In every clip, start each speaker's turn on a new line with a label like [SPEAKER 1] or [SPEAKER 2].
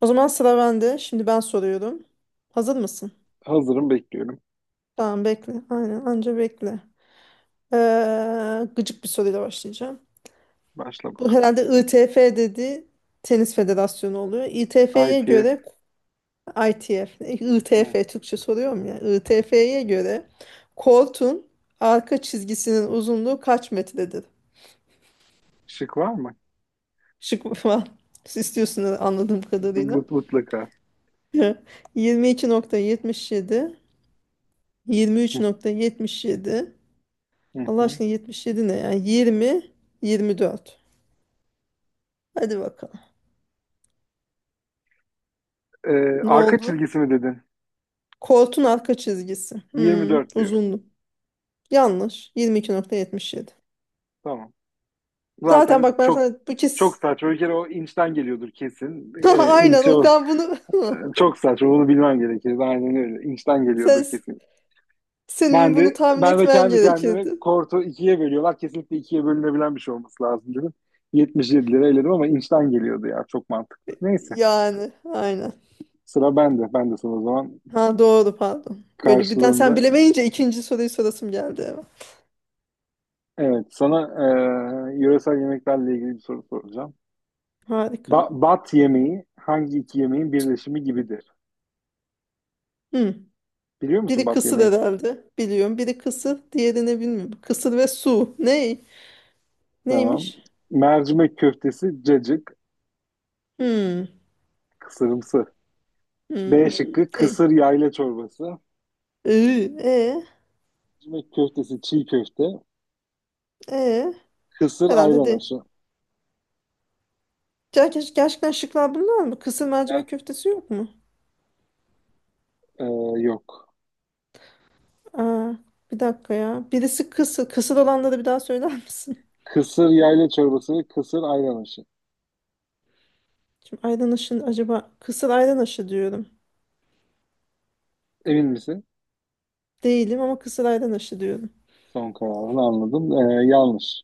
[SPEAKER 1] O zaman sıra bende. Şimdi ben soruyorum. Hazır mısın?
[SPEAKER 2] Hazırım bekliyorum.
[SPEAKER 1] Tamam, bekle. Aynen, anca bekle. Gıcık bir soruyla başlayacağım.
[SPEAKER 2] Başla
[SPEAKER 1] Bu
[SPEAKER 2] bak.
[SPEAKER 1] herhalde ITF dediği tenis federasyonu oluyor. ITF'ye
[SPEAKER 2] ITF.
[SPEAKER 1] göre ITF,
[SPEAKER 2] Hı.
[SPEAKER 1] ITF Türkçe soruyorum ya. ITF'ye göre kortun arka çizgisinin uzunluğu kaç metredir?
[SPEAKER 2] Şık var mı?
[SPEAKER 1] Şık var. Siz istiyorsunuz anladığım kadarıyla.
[SPEAKER 2] Mutlaka.
[SPEAKER 1] 22.77,
[SPEAKER 2] Hı,
[SPEAKER 1] 23.77.
[SPEAKER 2] hı,
[SPEAKER 1] Allah
[SPEAKER 2] hı.
[SPEAKER 1] aşkına, 77 ne yani? 20, 24. Hadi bakalım. Ne
[SPEAKER 2] Arka
[SPEAKER 1] oldu?
[SPEAKER 2] çizgisi mi dedin?
[SPEAKER 1] Koltuğun arka çizgisi. Hmm,
[SPEAKER 2] 24 diyorum.
[SPEAKER 1] uzundu. Yanlış. 22.77.
[SPEAKER 2] Tamam.
[SPEAKER 1] Zaten
[SPEAKER 2] Zaten
[SPEAKER 1] bak, ben
[SPEAKER 2] çok
[SPEAKER 1] sana bu
[SPEAKER 2] çok
[SPEAKER 1] kes
[SPEAKER 2] saçma. Bir kere o inçten geliyordur kesin.
[SPEAKER 1] aynen
[SPEAKER 2] İnç
[SPEAKER 1] o,
[SPEAKER 2] o.
[SPEAKER 1] ben bunu
[SPEAKER 2] Çok saçma. Bunu bilmem gerekir. Aynen öyle. İnçten geliyordur
[SPEAKER 1] sen
[SPEAKER 2] kesin.
[SPEAKER 1] senin
[SPEAKER 2] Ben
[SPEAKER 1] bunu
[SPEAKER 2] de
[SPEAKER 1] tahmin
[SPEAKER 2] ben de
[SPEAKER 1] etmen
[SPEAKER 2] kendi kendime
[SPEAKER 1] gerekirdi.
[SPEAKER 2] kortu ikiye bölüyorlar. Kesinlikle ikiye bölünebilen bir şey olması lazım dedim. 77 lira eledim ama inçten geliyordu ya. Çok mantıklı. Neyse.
[SPEAKER 1] Yani aynen.
[SPEAKER 2] Sıra bende. Ben de sana o zaman
[SPEAKER 1] Ha, doğru, pardon. Böyle birden sen
[SPEAKER 2] karşılığında.
[SPEAKER 1] bilemeyince ikinci soruyu sorasım geldi eve.
[SPEAKER 2] Evet, sana yöresel yemeklerle ilgili bir soru soracağım.
[SPEAKER 1] Harika.
[SPEAKER 2] Bat yemeği hangi iki yemeğin birleşimi gibidir?
[SPEAKER 1] Hmm.
[SPEAKER 2] Biliyor musun
[SPEAKER 1] Biri
[SPEAKER 2] bat
[SPEAKER 1] kısır
[SPEAKER 2] yemeği?
[SPEAKER 1] herhalde. Biliyorum. Biri kısır, diğerini bilmiyorum. Kısır ve su. Ne?
[SPEAKER 2] Tamam.
[SPEAKER 1] Neymiş?
[SPEAKER 2] Mercimek köftesi, cacık,
[SPEAKER 1] Hmm.
[SPEAKER 2] kısırımsı. B
[SPEAKER 1] Hmm.
[SPEAKER 2] şıkkı
[SPEAKER 1] De.
[SPEAKER 2] kısır yayla çorbası.
[SPEAKER 1] E.
[SPEAKER 2] Mercimek köftesi, çiğ köfte.
[SPEAKER 1] E.
[SPEAKER 2] Kısır
[SPEAKER 1] Herhalde
[SPEAKER 2] ayran
[SPEAKER 1] de.
[SPEAKER 2] aşı.
[SPEAKER 1] Ya Gerçekten şıklar bunlar mı? Kısır
[SPEAKER 2] Ger-
[SPEAKER 1] mercimek köftesi yok mu?
[SPEAKER 2] E, Yok.
[SPEAKER 1] Aa, bir dakika ya. Birisi kısır. Kısır olanları bir daha söyler misin?
[SPEAKER 2] Kısır yayla çorbası ve kısır ayran aşı.
[SPEAKER 1] Şimdi ayran aşı acaba, kısır ayran aşı diyorum.
[SPEAKER 2] Emin misin?
[SPEAKER 1] Değilim ama kısır ayran aşı diyorum.
[SPEAKER 2] Son kararını anladım. Yanlış.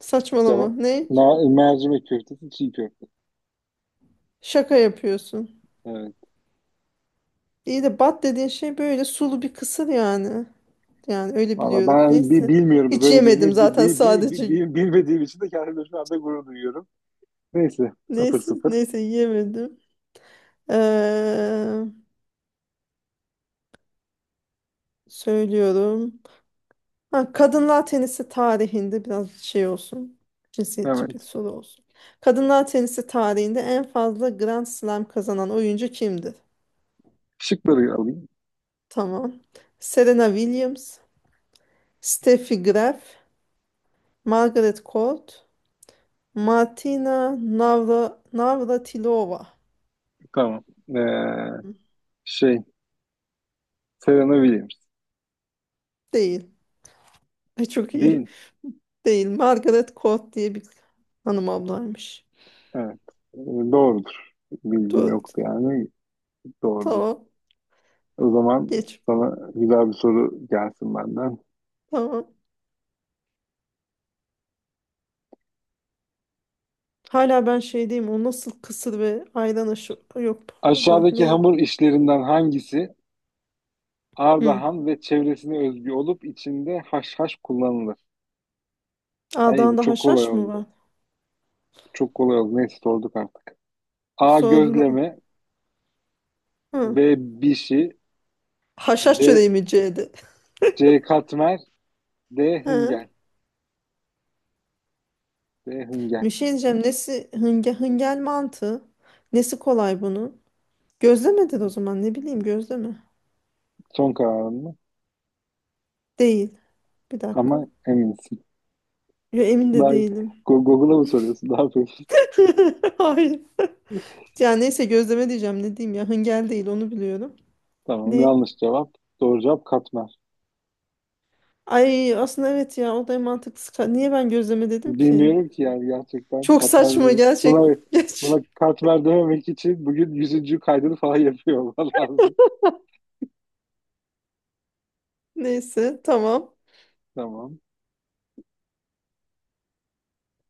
[SPEAKER 1] Saçmalama.
[SPEAKER 2] Cevap.
[SPEAKER 1] Ne?
[SPEAKER 2] Mercimek köftesi, çiğ köfte.
[SPEAKER 1] Şaka yapıyorsun.
[SPEAKER 2] Evet.
[SPEAKER 1] İyi de bat dediğin şey böyle sulu bir kısır yani. Yani öyle
[SPEAKER 2] Valla
[SPEAKER 1] biliyorum.
[SPEAKER 2] ben
[SPEAKER 1] Neyse.
[SPEAKER 2] bilmiyorum
[SPEAKER 1] Hiç
[SPEAKER 2] böyle bir
[SPEAKER 1] yemedim
[SPEAKER 2] yemeği.
[SPEAKER 1] zaten sadece.
[SPEAKER 2] Bilmediğim için de kendimle şu anda gurur duyuyorum. Neyse. Sıfır
[SPEAKER 1] Neyse,
[SPEAKER 2] sıfır.
[SPEAKER 1] neyse yiyemedim. Ee, söylüyorum. Ha, kadınlar tenisi tarihinde biraz şey olsun. Cinsiyetçi
[SPEAKER 2] Evet.
[SPEAKER 1] bir soru olsun. Kadınlar tenisi tarihinde en fazla Grand Slam kazanan oyuncu kimdir?
[SPEAKER 2] Şıkları alayım.
[SPEAKER 1] Tamam. Serena Williams, Steffi Graf, Margaret Court, Martina Navratilova.
[SPEAKER 2] Tamam. Ee,
[SPEAKER 1] Hı.
[SPEAKER 2] şey. Serena Williams.
[SPEAKER 1] Değil. Çok iyi.
[SPEAKER 2] Değil.
[SPEAKER 1] Değil. Margaret Court diye bir hanım ablaymış.
[SPEAKER 2] Evet. Ee, Doğrudur. Bilgim
[SPEAKER 1] Doğru.
[SPEAKER 2] yoktu yani. Doğrudur.
[SPEAKER 1] Tamam.
[SPEAKER 2] O zaman
[SPEAKER 1] Geç.
[SPEAKER 2] sana güzel bir soru gelsin benden.
[SPEAKER 1] Tamam. Hala ben şeydeyim. O nasıl kısır ve ayran aşı... Yok, pardon.
[SPEAKER 2] Aşağıdaki
[SPEAKER 1] Neydi?
[SPEAKER 2] hamur işlerinden hangisi
[SPEAKER 1] Hı.
[SPEAKER 2] Ardahan ve çevresine özgü olup içinde haşhaş kullanılır? Ay bu
[SPEAKER 1] A'dan da
[SPEAKER 2] çok kolay
[SPEAKER 1] haşhaş mı
[SPEAKER 2] oldu.
[SPEAKER 1] var?
[SPEAKER 2] Çok kolay oldu. Neyse sorduk artık. A.
[SPEAKER 1] Sordun ha.
[SPEAKER 2] Gözleme. B.
[SPEAKER 1] Hı.
[SPEAKER 2] Bişi.
[SPEAKER 1] Haşhaş
[SPEAKER 2] C.
[SPEAKER 1] çöreği mi C'di?
[SPEAKER 2] C. Katmer. D.
[SPEAKER 1] Hı.
[SPEAKER 2] Hıngel. D. Hıngel.
[SPEAKER 1] Bir şey diyeceğim. Nesi hıngel mantı? Nesi kolay bunun? Gözlemedir o zaman. Ne bileyim gözleme.
[SPEAKER 2] Son kararın mı?
[SPEAKER 1] Değil. Bir dakika.
[SPEAKER 2] Ama eminsin.
[SPEAKER 1] Yo, emin de
[SPEAKER 2] Daha
[SPEAKER 1] değilim.
[SPEAKER 2] Google'a mı soruyorsun? Ne yapıyorsun?
[SPEAKER 1] Hayır. Ya neyse, gözleme diyeceğim. Ne diyeyim ya. Hıngel değil, onu biliyorum.
[SPEAKER 2] Tamam
[SPEAKER 1] Ne?
[SPEAKER 2] yanlış cevap. Doğru cevap katmer.
[SPEAKER 1] Ay, aslında evet ya, o da en mantıklısı. Niye ben gözleme dedim ki?
[SPEAKER 2] Bilmiyorum ki yani gerçekten
[SPEAKER 1] Çok saçma
[SPEAKER 2] katmer.
[SPEAKER 1] gerçek. Geç.
[SPEAKER 2] Buna katmer dememek için bugün yüzüncü kaydını falan yapıyor olman lazım.
[SPEAKER 1] Neyse tamam.
[SPEAKER 2] Tamam.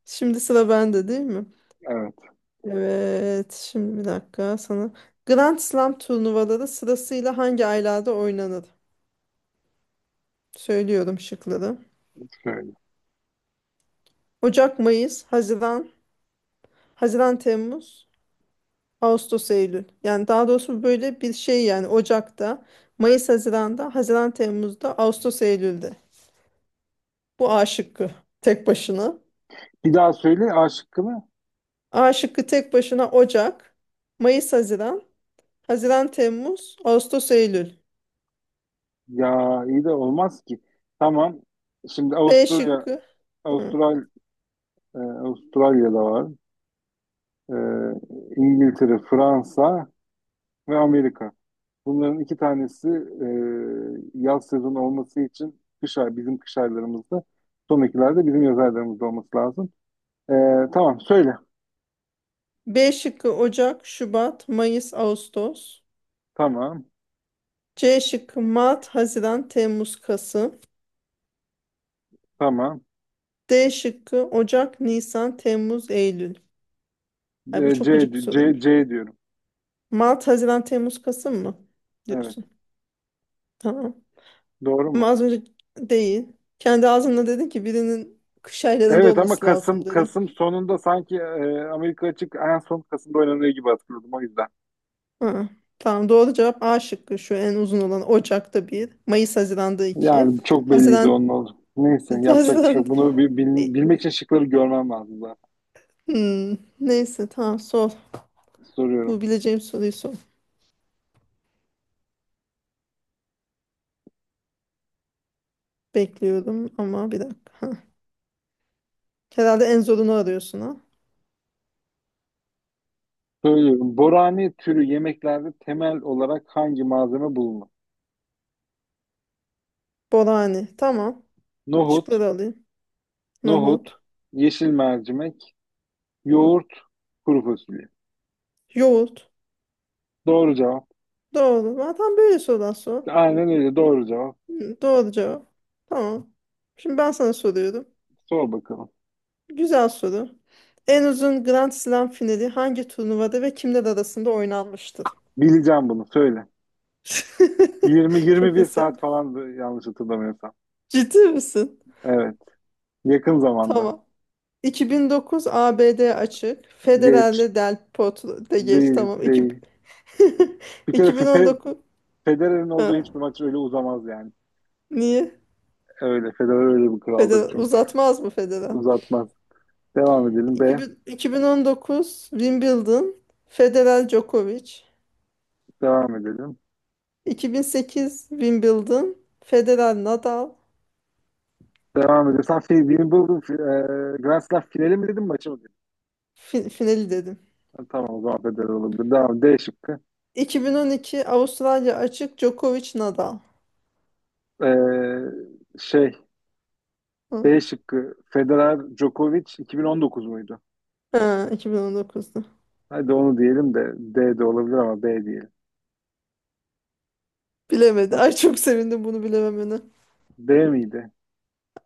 [SPEAKER 1] Şimdi sıra bende değil mi?
[SPEAKER 2] Evet.
[SPEAKER 1] Evet. Şimdi bir dakika sana. Grand Slam turnuvaları sırasıyla hangi aylarda oynanır? Söylüyorum şıkları.
[SPEAKER 2] Şöyle.
[SPEAKER 1] Ocak, Mayıs, Haziran, Haziran, Temmuz, Ağustos, Eylül. Yani daha doğrusu böyle bir şey yani, Ocak'ta, Mayıs, Haziran'da, Haziran, Temmuz'da, Ağustos, Eylül'de. Bu A şıkkı tek başına.
[SPEAKER 2] Bir daha söyle A şıkkını.
[SPEAKER 1] A şıkkı tek başına Ocak, Mayıs, Haziran, Haziran, Temmuz, Ağustos, Eylül.
[SPEAKER 2] Ya iyi de olmaz ki. Tamam. Şimdi
[SPEAKER 1] B şıkkı. Hı.
[SPEAKER 2] Avustralya, Avustralya'da var. Ee, İngiltere, Fransa ve Amerika. Bunların iki tanesi yaz sezonu olması için bizim kış aylarımızda. Son ikiler de bizim yaz aylarımızda olması lazım. Ee, tamam söyle.
[SPEAKER 1] B şıkkı Ocak, Şubat, Mayıs, Ağustos.
[SPEAKER 2] Tamam.
[SPEAKER 1] C şıkkı Mart, Haziran, Temmuz, Kasım.
[SPEAKER 2] Tamam.
[SPEAKER 1] D şıkkı Ocak, Nisan, Temmuz, Eylül. Ay, bu çok gıcık bir soruymuş.
[SPEAKER 2] C diyorum.
[SPEAKER 1] Mart, Haziran, Temmuz, Kasım mı
[SPEAKER 2] Evet.
[SPEAKER 1] diyorsun? Tamam.
[SPEAKER 2] Doğru
[SPEAKER 1] Ama
[SPEAKER 2] mu?
[SPEAKER 1] az önce değil. Kendi ağzınla dedin ki, birinin kış aylarında
[SPEAKER 2] Evet ama
[SPEAKER 1] olması lazım,
[SPEAKER 2] Kasım
[SPEAKER 1] dedi.
[SPEAKER 2] Kasım sonunda sanki Amerika açık en son Kasım'da oynanıyor gibi hatırladım o yüzden.
[SPEAKER 1] Ha, tamam, doğru cevap A şıkkı, şu en uzun olan. Ocak'ta bir, Mayıs Haziran'da iki.
[SPEAKER 2] Yani çok belliydi
[SPEAKER 1] Haziran.
[SPEAKER 2] onun oldu. Neyse yapacak bir şey
[SPEAKER 1] Haziran.
[SPEAKER 2] yok. Bunu
[SPEAKER 1] E,
[SPEAKER 2] bilmek için şıkları görmem lazım zaten.
[SPEAKER 1] neyse tamam, sor. Bu
[SPEAKER 2] Soruyorum.
[SPEAKER 1] bileceğim soruyu sor. Bekliyorum ama bir dakika. Ha. Herhalde en zorunu arıyorsun ha.
[SPEAKER 2] Söylüyorum. Borani türü yemeklerde temel olarak hangi malzeme bulunur?
[SPEAKER 1] Borani. Tamam.
[SPEAKER 2] Nohut,
[SPEAKER 1] Şıkları alayım.
[SPEAKER 2] nohut,
[SPEAKER 1] Nohut.
[SPEAKER 2] yeşil mercimek, yoğurt, kuru fasulye.
[SPEAKER 1] Yoğurt.
[SPEAKER 2] Doğru cevap.
[SPEAKER 1] Doğru. Zaten böyle sorular sor.
[SPEAKER 2] Aynen öyle doğru cevap.
[SPEAKER 1] Hı, doğru cevap. Tamam. Şimdi ben sana soruyorum.
[SPEAKER 2] Sor bakalım.
[SPEAKER 1] Güzel soru. En uzun Grand Slam finali hangi turnuvada ve kimler arasında oynanmıştır?
[SPEAKER 2] Bileceğim bunu söyle.
[SPEAKER 1] Çok
[SPEAKER 2] 20-21
[SPEAKER 1] hırsyan.
[SPEAKER 2] saat falandı yanlış hatırlamıyorsam.
[SPEAKER 1] Ciddi misin?
[SPEAKER 2] Evet. Yakın zamanda.
[SPEAKER 1] Tamam. 2009 ABD açık.
[SPEAKER 2] Geç.
[SPEAKER 1] Federer'le Del Potro, de geç
[SPEAKER 2] Değil,
[SPEAKER 1] tamam.
[SPEAKER 2] değil. Bir kere fe-
[SPEAKER 1] 2019.
[SPEAKER 2] Federer'in olduğu
[SPEAKER 1] Ha,
[SPEAKER 2] hiçbir maç öyle uzamaz yani.
[SPEAKER 1] niye?
[SPEAKER 2] Öyle. Federer öyle bir kraldır
[SPEAKER 1] Federer
[SPEAKER 2] çünkü
[SPEAKER 1] uzatmaz mı Federer?
[SPEAKER 2] uzatmaz. Devam edelim
[SPEAKER 1] İki
[SPEAKER 2] be.
[SPEAKER 1] bin 2019 Wimbledon Federer Djokovic.
[SPEAKER 2] Devam edelim.
[SPEAKER 1] 2008 Wimbledon Federer Nadal.
[SPEAKER 2] Devam edelim. Sen fi- Wimbledon fi- e, Grand Slam finali mi dedin maçı mı dedin?
[SPEAKER 1] Finali dedim.
[SPEAKER 2] Ha, tamam o zaman Federer olabilir. Devam. D şıkkı.
[SPEAKER 1] 2012 Avustralya Açık Djokovic Nadal.
[SPEAKER 2] E, şey
[SPEAKER 1] Hı.
[SPEAKER 2] B şıkkı Federer Djokovic 2019 muydu?
[SPEAKER 1] Ha, 2019'da.
[SPEAKER 2] Hadi onu diyelim de D de olabilir ama B diyelim.
[SPEAKER 1] Bilemedi.
[SPEAKER 2] Ha,
[SPEAKER 1] Ay, çok sevindim bunu bilememene.
[SPEAKER 2] D miydi?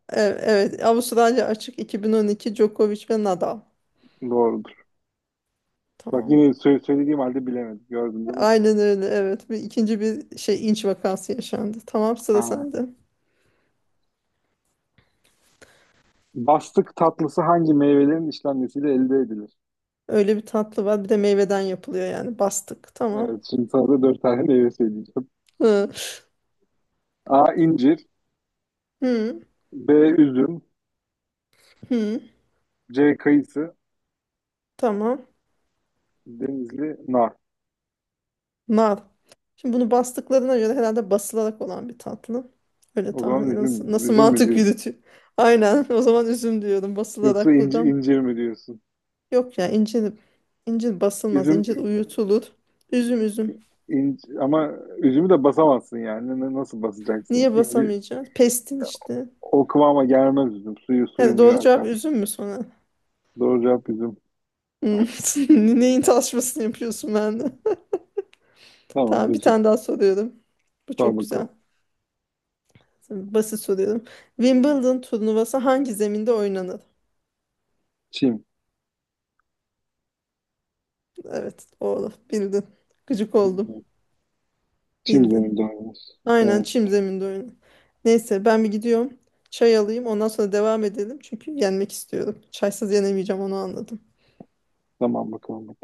[SPEAKER 1] Evet, evet. Avustralya Açık 2012 Djokovic ve Nadal.
[SPEAKER 2] Doğrudur. Bak
[SPEAKER 1] Tamam.
[SPEAKER 2] yine söylediğim halde bilemedim. Gördün değil mi?
[SPEAKER 1] Aynen öyle. Evet. Bir ikinci bir şey inç vakası yaşandı. Tamam, sıra
[SPEAKER 2] Aa.
[SPEAKER 1] sende.
[SPEAKER 2] Bastık tatlısı hangi meyvelerin işlenmesiyle elde edilir?
[SPEAKER 1] Öyle bir tatlı var. Bir de meyveden yapılıyor yani. Bastık. Tamam.
[SPEAKER 2] Evet, şimdi sana da dört tane meyve söyleyeceğim.
[SPEAKER 1] Hı.
[SPEAKER 2] A. incir,
[SPEAKER 1] Hı.
[SPEAKER 2] B. Üzüm.
[SPEAKER 1] Hı.
[SPEAKER 2] C. Kayısı.
[SPEAKER 1] Tamam.
[SPEAKER 2] Denizli nar.
[SPEAKER 1] Nar. Şimdi bunu bastıklarına göre herhalde basılarak olan bir tatlı. Öyle
[SPEAKER 2] O
[SPEAKER 1] tahmin
[SPEAKER 2] zaman
[SPEAKER 1] ediyorum. Nasıl, nasıl
[SPEAKER 2] üzüm mü
[SPEAKER 1] mantık
[SPEAKER 2] diyorsun?
[SPEAKER 1] yürütüyor? Aynen. O zaman üzüm diyorum.
[SPEAKER 2] Yoksa
[SPEAKER 1] Basılarak buradan.
[SPEAKER 2] incir mi diyorsun?
[SPEAKER 1] Yok ya, incir basılmaz. İncir
[SPEAKER 2] Üzüm,
[SPEAKER 1] uyutulur. Üzüm üzüm.
[SPEAKER 2] ama üzümü de basamazsın yani. Nasıl basacaksın?
[SPEAKER 1] Niye
[SPEAKER 2] İnci,
[SPEAKER 1] basamayacağız? Pestin işte.
[SPEAKER 2] o kıvama gelmez üzüm. Suyu
[SPEAKER 1] He,
[SPEAKER 2] muyu
[SPEAKER 1] doğru cevap
[SPEAKER 2] akar.
[SPEAKER 1] üzüm mü sonra?
[SPEAKER 2] Doğru cevap üzüm.
[SPEAKER 1] Hmm. Neyin tartışmasını yapıyorsun ben de?
[SPEAKER 2] Tamam
[SPEAKER 1] Tamam, bir
[SPEAKER 2] üzüm.
[SPEAKER 1] tane daha soruyorum. Bu
[SPEAKER 2] Sor
[SPEAKER 1] çok
[SPEAKER 2] bakalım.
[SPEAKER 1] güzel. Basit soruyorum. Wimbledon turnuvası hangi zeminde oynanır?
[SPEAKER 2] Çim.
[SPEAKER 1] Evet, doğru bildin. Gıcık oldum.
[SPEAKER 2] Çim
[SPEAKER 1] Bildin.
[SPEAKER 2] zeminde oynuyoruz.
[SPEAKER 1] Aynen
[SPEAKER 2] Evet.
[SPEAKER 1] çim zeminde oyunu. Neyse, ben bir gidiyorum. Çay alayım ondan sonra devam edelim. Çünkü yenmek istiyorum. Çaysız yenemeyeceğim, onu anladım.
[SPEAKER 2] Tamam bakalım.